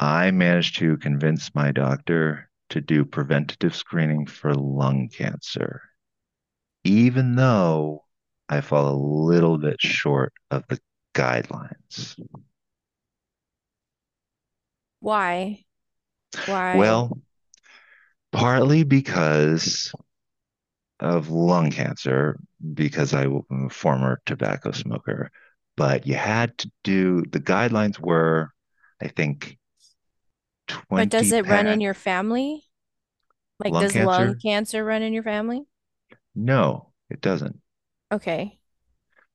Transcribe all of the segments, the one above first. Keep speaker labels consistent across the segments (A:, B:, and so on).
A: I managed to convince my doctor to do preventative screening for lung cancer, even though I fall a little bit short of the guidelines.
B: Why? Why?
A: Well, partly because of lung cancer, because I was a former tobacco smoker, but you had to do the guidelines were, I think,
B: But
A: 20
B: does it run in
A: pack
B: your family? Like,
A: lung
B: does lung
A: cancer.
B: cancer run in your family?
A: No, it doesn't.
B: Okay.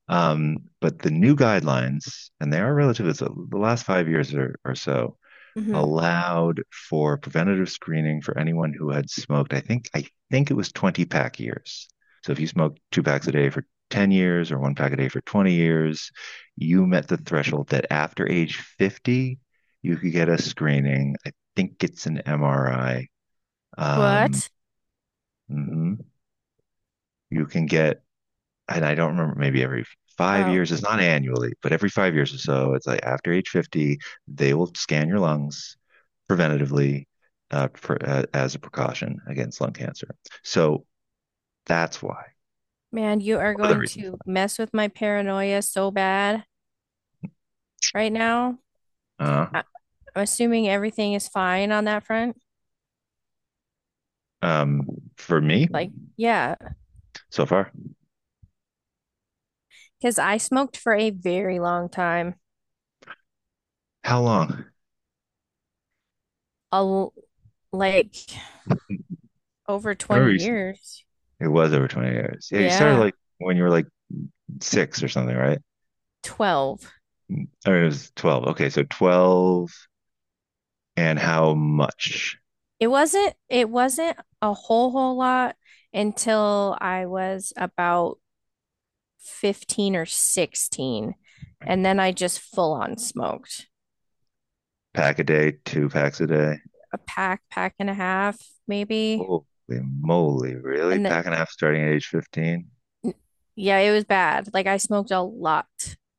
A: But the new guidelines, and they are relatively, so the last 5 years or so,
B: hmm
A: allowed for preventative screening for anyone who had smoked, I think it was 20 pack years. So if you smoked two packs a day for 10 years or one pack a day for 20 years, you met the threshold that after age 50, you could get a screening. I think it's an MRI. Um,
B: What?
A: mhm. You can get and I don't remember, maybe every five
B: Oh,
A: years, it's not annually, but every 5 years or so, it's like after age 50, they will scan your lungs preventatively for, as a precaution against lung cancer. So that's why,
B: man, you are
A: one of the
B: going
A: reasons
B: to mess with my paranoia so bad right now.
A: why.
B: I- I'm assuming everything is fine on that front.
A: Um, for me,
B: Like, yeah,
A: so far,
B: because I smoked for a very long time,
A: how long?
B: a l like over
A: I remember
B: 20
A: you,
B: years.
A: it was over 20 years. Yeah, you started
B: Yeah,
A: like when you were like six or something, right?
B: 12.
A: I mean, it was 12. Okay, so 12 and how much?
B: It wasn't a whole lot until I was about 15 or 16. And then I just full on smoked
A: Pack a day, two packs a day.
B: a pack, pack and a half maybe.
A: Holy moly, really?
B: And th
A: Packing half starting at age 15?
B: Yeah, it was bad. Like I smoked a lot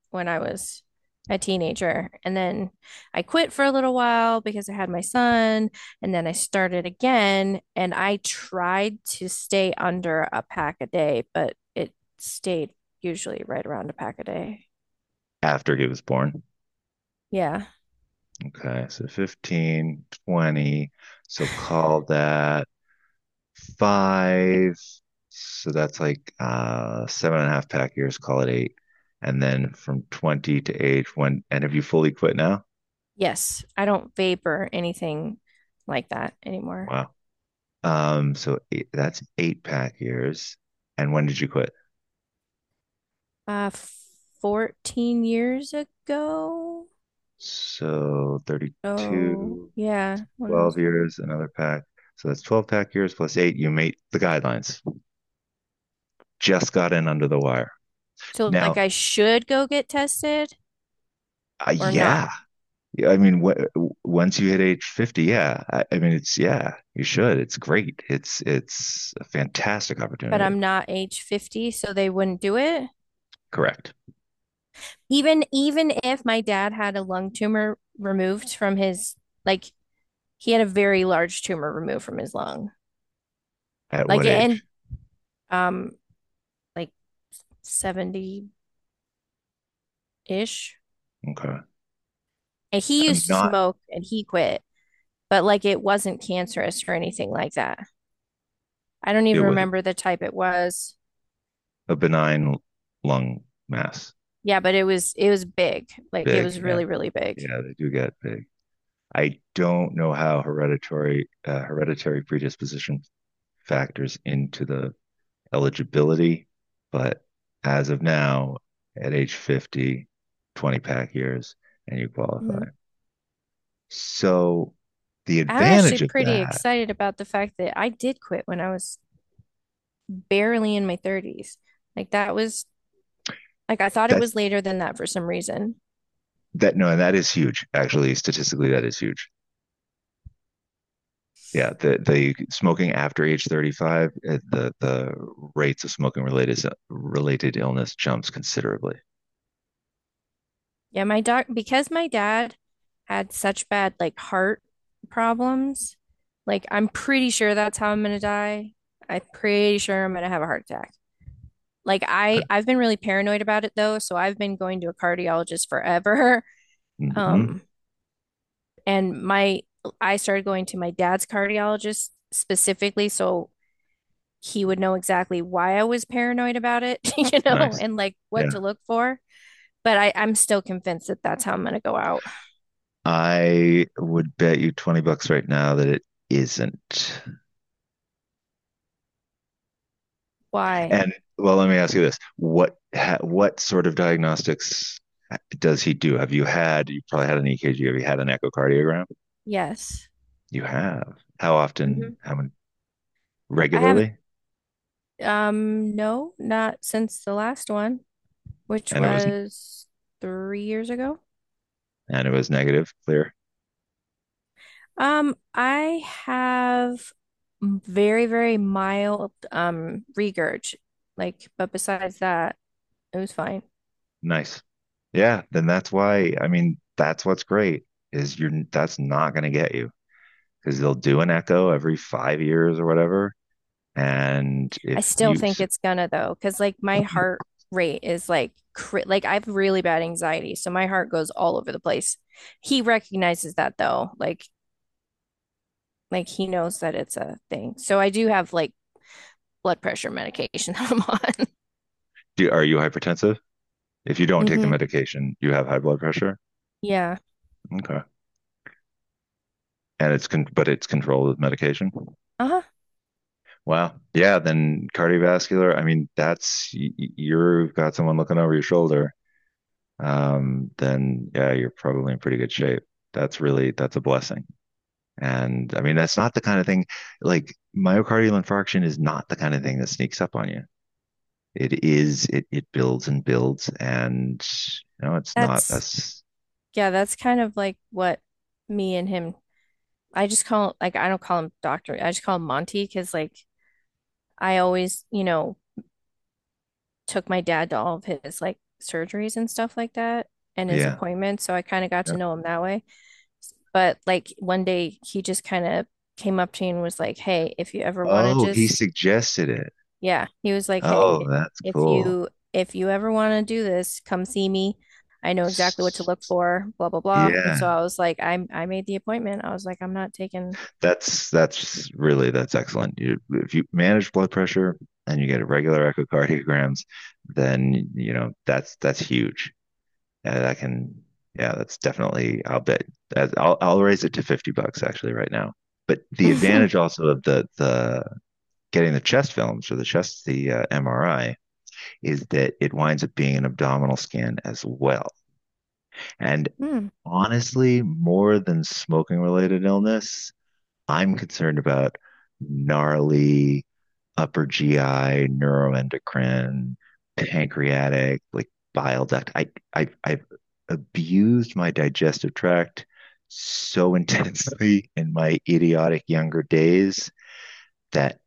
B: when I was a teenager. And then I quit for a little while because I had my son, and then I started again and I tried to stay under a pack a day, but it stayed usually right around a pack a day.
A: After he was born.
B: Yeah.
A: Okay, so 15, 20. So call that five. So that's like seven and a half pack years, call it eight. And then from 20 to age one. And have you fully quit now?
B: Yes, I don't vape or anything like that anymore.
A: Wow. So eight, that's eight pack years. And when did you quit?
B: Uh 14 years ago.
A: So
B: Oh,
A: 32.
B: yeah, when I was
A: 12 years,
B: 22.
A: another pack. So that's 12 pack years plus eight. You meet the guidelines. Just got in under the wire.
B: So like
A: Now,
B: I should go get tested or not,
A: yeah. Yeah, I mean, once you hit age 50, yeah. I mean, yeah, you should. It's great. It's a fantastic
B: but
A: opportunity.
B: I'm not age 50, so they wouldn't do it.
A: Correct.
B: Even if my dad had a lung tumor removed from his like he had a very large tumor removed from his lung.
A: At
B: Like
A: what
B: and
A: age?
B: um like, 70-ish.
A: Okay.
B: And he
A: I'm
B: used to
A: not
B: smoke and he quit, but like it wasn't cancerous or anything like that. I don't
A: it
B: even
A: was
B: remember the type it was.
A: a benign lung mass.
B: Yeah, but it was big. Like it was
A: Big. Yeah.
B: really, really big.
A: Yeah. They do get big. I don't know how hereditary, hereditary predisposition factors into the eligibility, but as of now, at age 50, 20 pack years, and you qualify.
B: Mhm.
A: So the
B: I'm actually
A: advantage of
B: pretty
A: that,
B: excited about the fact that I did quit when I was barely in my 30s. Like that was like I thought it
A: that's
B: was later than that for some reason.
A: that no, and that is huge. Actually, statistically, that is huge. Yeah, the smoking after age 35, the rates of smoking related illness jumps considerably.
B: Yeah, my doc, because my dad had such bad like heart problems, like I'm pretty sure that's how I'm gonna die. I'm pretty sure I'm gonna have a heart attack. Like
A: I,
B: I've been really paranoid about it though, so I've been going to a cardiologist forever.
A: mm-hmm,
B: Um, and my I started going to my dad's cardiologist specifically so he would know exactly why I was paranoid about it, you know,
A: nice.
B: and like what
A: Yeah.
B: to look for. But I'm still convinced that that's how I'm gonna go out.
A: I would bet you $20 right now that it isn't.
B: Why?
A: And well, let me ask you this: what sort of diagnostics does he do? Have you had? You probably had an EKG. Have you had an echocardiogram?
B: Yes.
A: You have. How often?
B: hmm
A: How many?
B: I haven't,
A: Regularly?
B: no, not since the last one, which
A: And it was
B: was 3 years ago.
A: and it was negative. Clear.
B: I have very, very mild, regurg. Like, but besides that, it was fine.
A: Nice. Yeah. Then that's why. I mean, that's what's great is you're that's not going to get you because they'll do an echo every 5 years or whatever. And
B: I
A: if
B: still
A: you
B: think it's gonna though, because like my heart rate is like, cri like I have really bad anxiety, so my heart goes all over the place. He recognizes that though, like he knows that it's a thing. So I do have like blood pressure medication that I'm on.
A: do, are you hypertensive? If you don't take the
B: Mm-hmm.
A: medication, you have high blood pressure.
B: Yeah.
A: Okay. But it's controlled with medication.
B: Uh-huh.
A: Wow. Yeah. Then cardiovascular. I mean, that's you've got someone looking over your shoulder. Then yeah, you're probably in pretty good shape. That's a blessing. And I mean, that's not the kind of thing like myocardial infarction is not the kind of thing that sneaks up on you. It builds and builds, and you know, it's not
B: That's,
A: us.
B: yeah, that's kind of like what me and him I just call like I don't call him doctor. I just call him Monty because like I always, you know, took my dad to all of his like surgeries and stuff like that and his
A: Yeah.
B: appointments, so I kind of got
A: Yeah.
B: to know him that way. But like one day he just kind of came up to me and was like, "Hey, if you ever want to
A: Oh, he
B: just
A: suggested it.
B: Yeah, he was like,
A: Oh,
B: "Hey,
A: that's cool.
B: if you ever want to do this, come see me. I know exactly what to look for, blah blah blah." And so
A: Yeah.
B: I was like, I made the appointment." I was like, "I'm not taking."
A: That's excellent. You, if you manage blood pressure and you get regular echocardiograms, then you know that's huge. That can yeah, that's definitely. I'll bet. I'll raise it to $50 actually right now. But the advantage also of the getting the chest films or the chest the MRI is that it winds up being an abdominal scan as well. And
B: Hmm.
A: honestly, more than smoking related illness, I'm concerned about gnarly upper GI, neuroendocrine, pancreatic, like bile duct. I've abused my digestive tract so intensely in my idiotic younger days that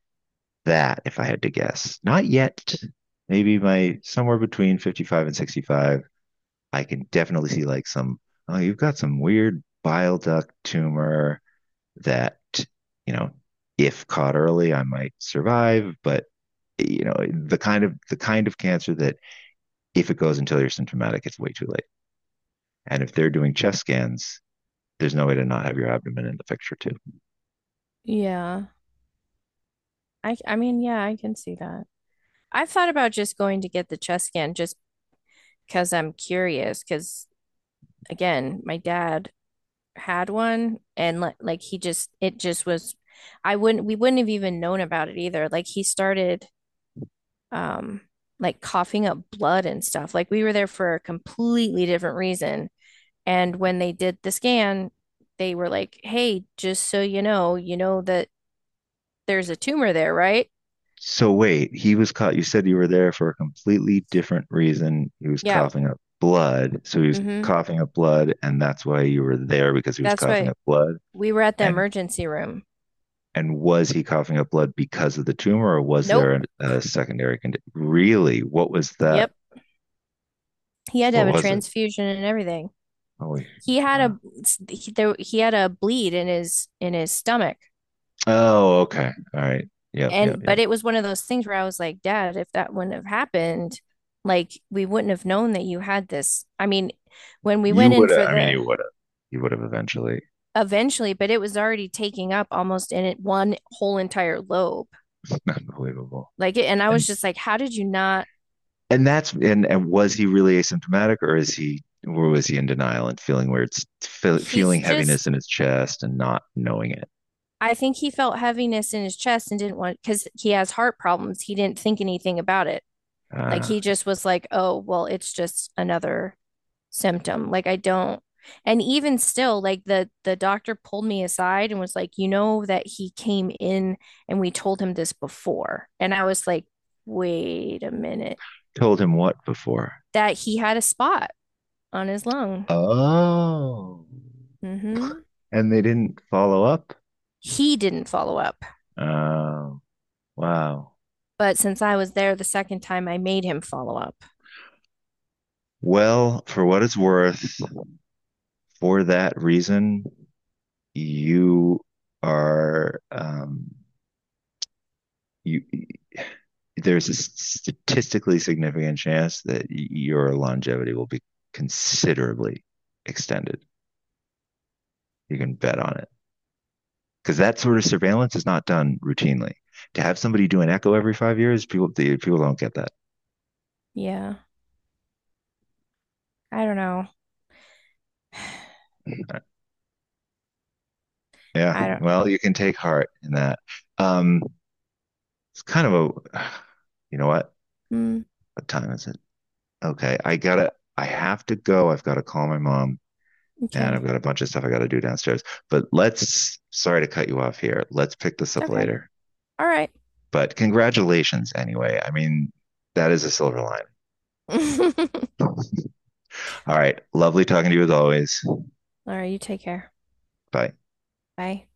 A: that, if I had to guess, not yet, maybe my somewhere between 55 and 65, I can definitely see like some, oh, you've got some weird bile duct tumor that, you know, if caught early, I might survive, but you know, the kind of cancer that if it goes until you're symptomatic, it's way too late. And if they're doing chest scans, there's no way to not have your abdomen in the picture too.
B: Yeah. I mean, yeah, I can see that. I've thought about just going to get the chest scan just because I'm curious because again, my dad had one and like he just it just was I wouldn't we wouldn't have even known about it either. Like he started um coughing up blood and stuff. Like we were there for a completely different reason. And when they did the scan, they were like, "Hey, just so you know that there's a tumor there, right?"
A: So wait, he was caught. You said you were there for a completely different reason. He was
B: Yeah.
A: coughing up blood, so he was
B: Mm-hmm.
A: coughing up blood, and that's why you were there because he was
B: That's
A: coughing
B: right.
A: up blood.
B: We were at the
A: And
B: emergency room.
A: And was he coughing up blood because of the tumor, or was
B: Nope.
A: there a secondary condition? Really, what was that?
B: Yep. He had to
A: What
B: have a
A: was it?
B: transfusion and everything.
A: Holy
B: He had
A: wow!
B: a he had a bleed in his stomach.
A: Oh, okay, all right. Yep, yep,
B: And but
A: yep.
B: it was one of those things where I was like, Dad, if that wouldn't have happened, like we wouldn't have known that you had this. I mean, when we went in for
A: You
B: the
A: would have. You would have eventually.
B: eventually, but it was already taking up almost in it one whole entire lobe.
A: Unbelievable.
B: Like and I
A: And
B: was just like, how did you not?
A: and that's and was he really asymptomatic, or is he or was he in denial and feeling feeling
B: He's
A: heaviness
B: just
A: in his chest and not knowing it?
B: I think he felt heaviness in his chest and didn't want because he has heart problems. He didn't think anything about it. Like
A: Uh,
B: he just was like, oh, well, it's just another symptom. Like I don't and even still like the doctor pulled me aside and was like, "You know that he came in and we told him this before." And I was like, "Wait a minute.
A: told him what before?
B: That he had a spot on his lung."
A: Oh,
B: Mhm.
A: and they didn't follow up.
B: He didn't follow up.
A: Uh, wow.
B: But since I was there the second time, I made him follow up.
A: Well, for what it's worth, for that reason, you are you. There's a statistically significant chance that your longevity will be considerably extended. You can bet on it because that sort of surveillance is not done routinely. To have somebody do an echo every 5 years, people don't get that.
B: Yeah. I don't know.
A: Uh, Yeah.
B: I don't.
A: Well, you can take heart in that. Um, it's kind of a, you know what?
B: Mm,
A: What time is it? Okay, I have to go. I've got to call my mom and I've
B: okay.
A: got a bunch of stuff I got to do downstairs. But sorry to cut you off here. Let's pick this
B: It's
A: up
B: okay.
A: later.
B: All right.
A: But congratulations anyway. I mean, that is a silver line.
B: All
A: All right. Lovely talking to you as always.
B: right. You take care.
A: Bye.
B: Bye.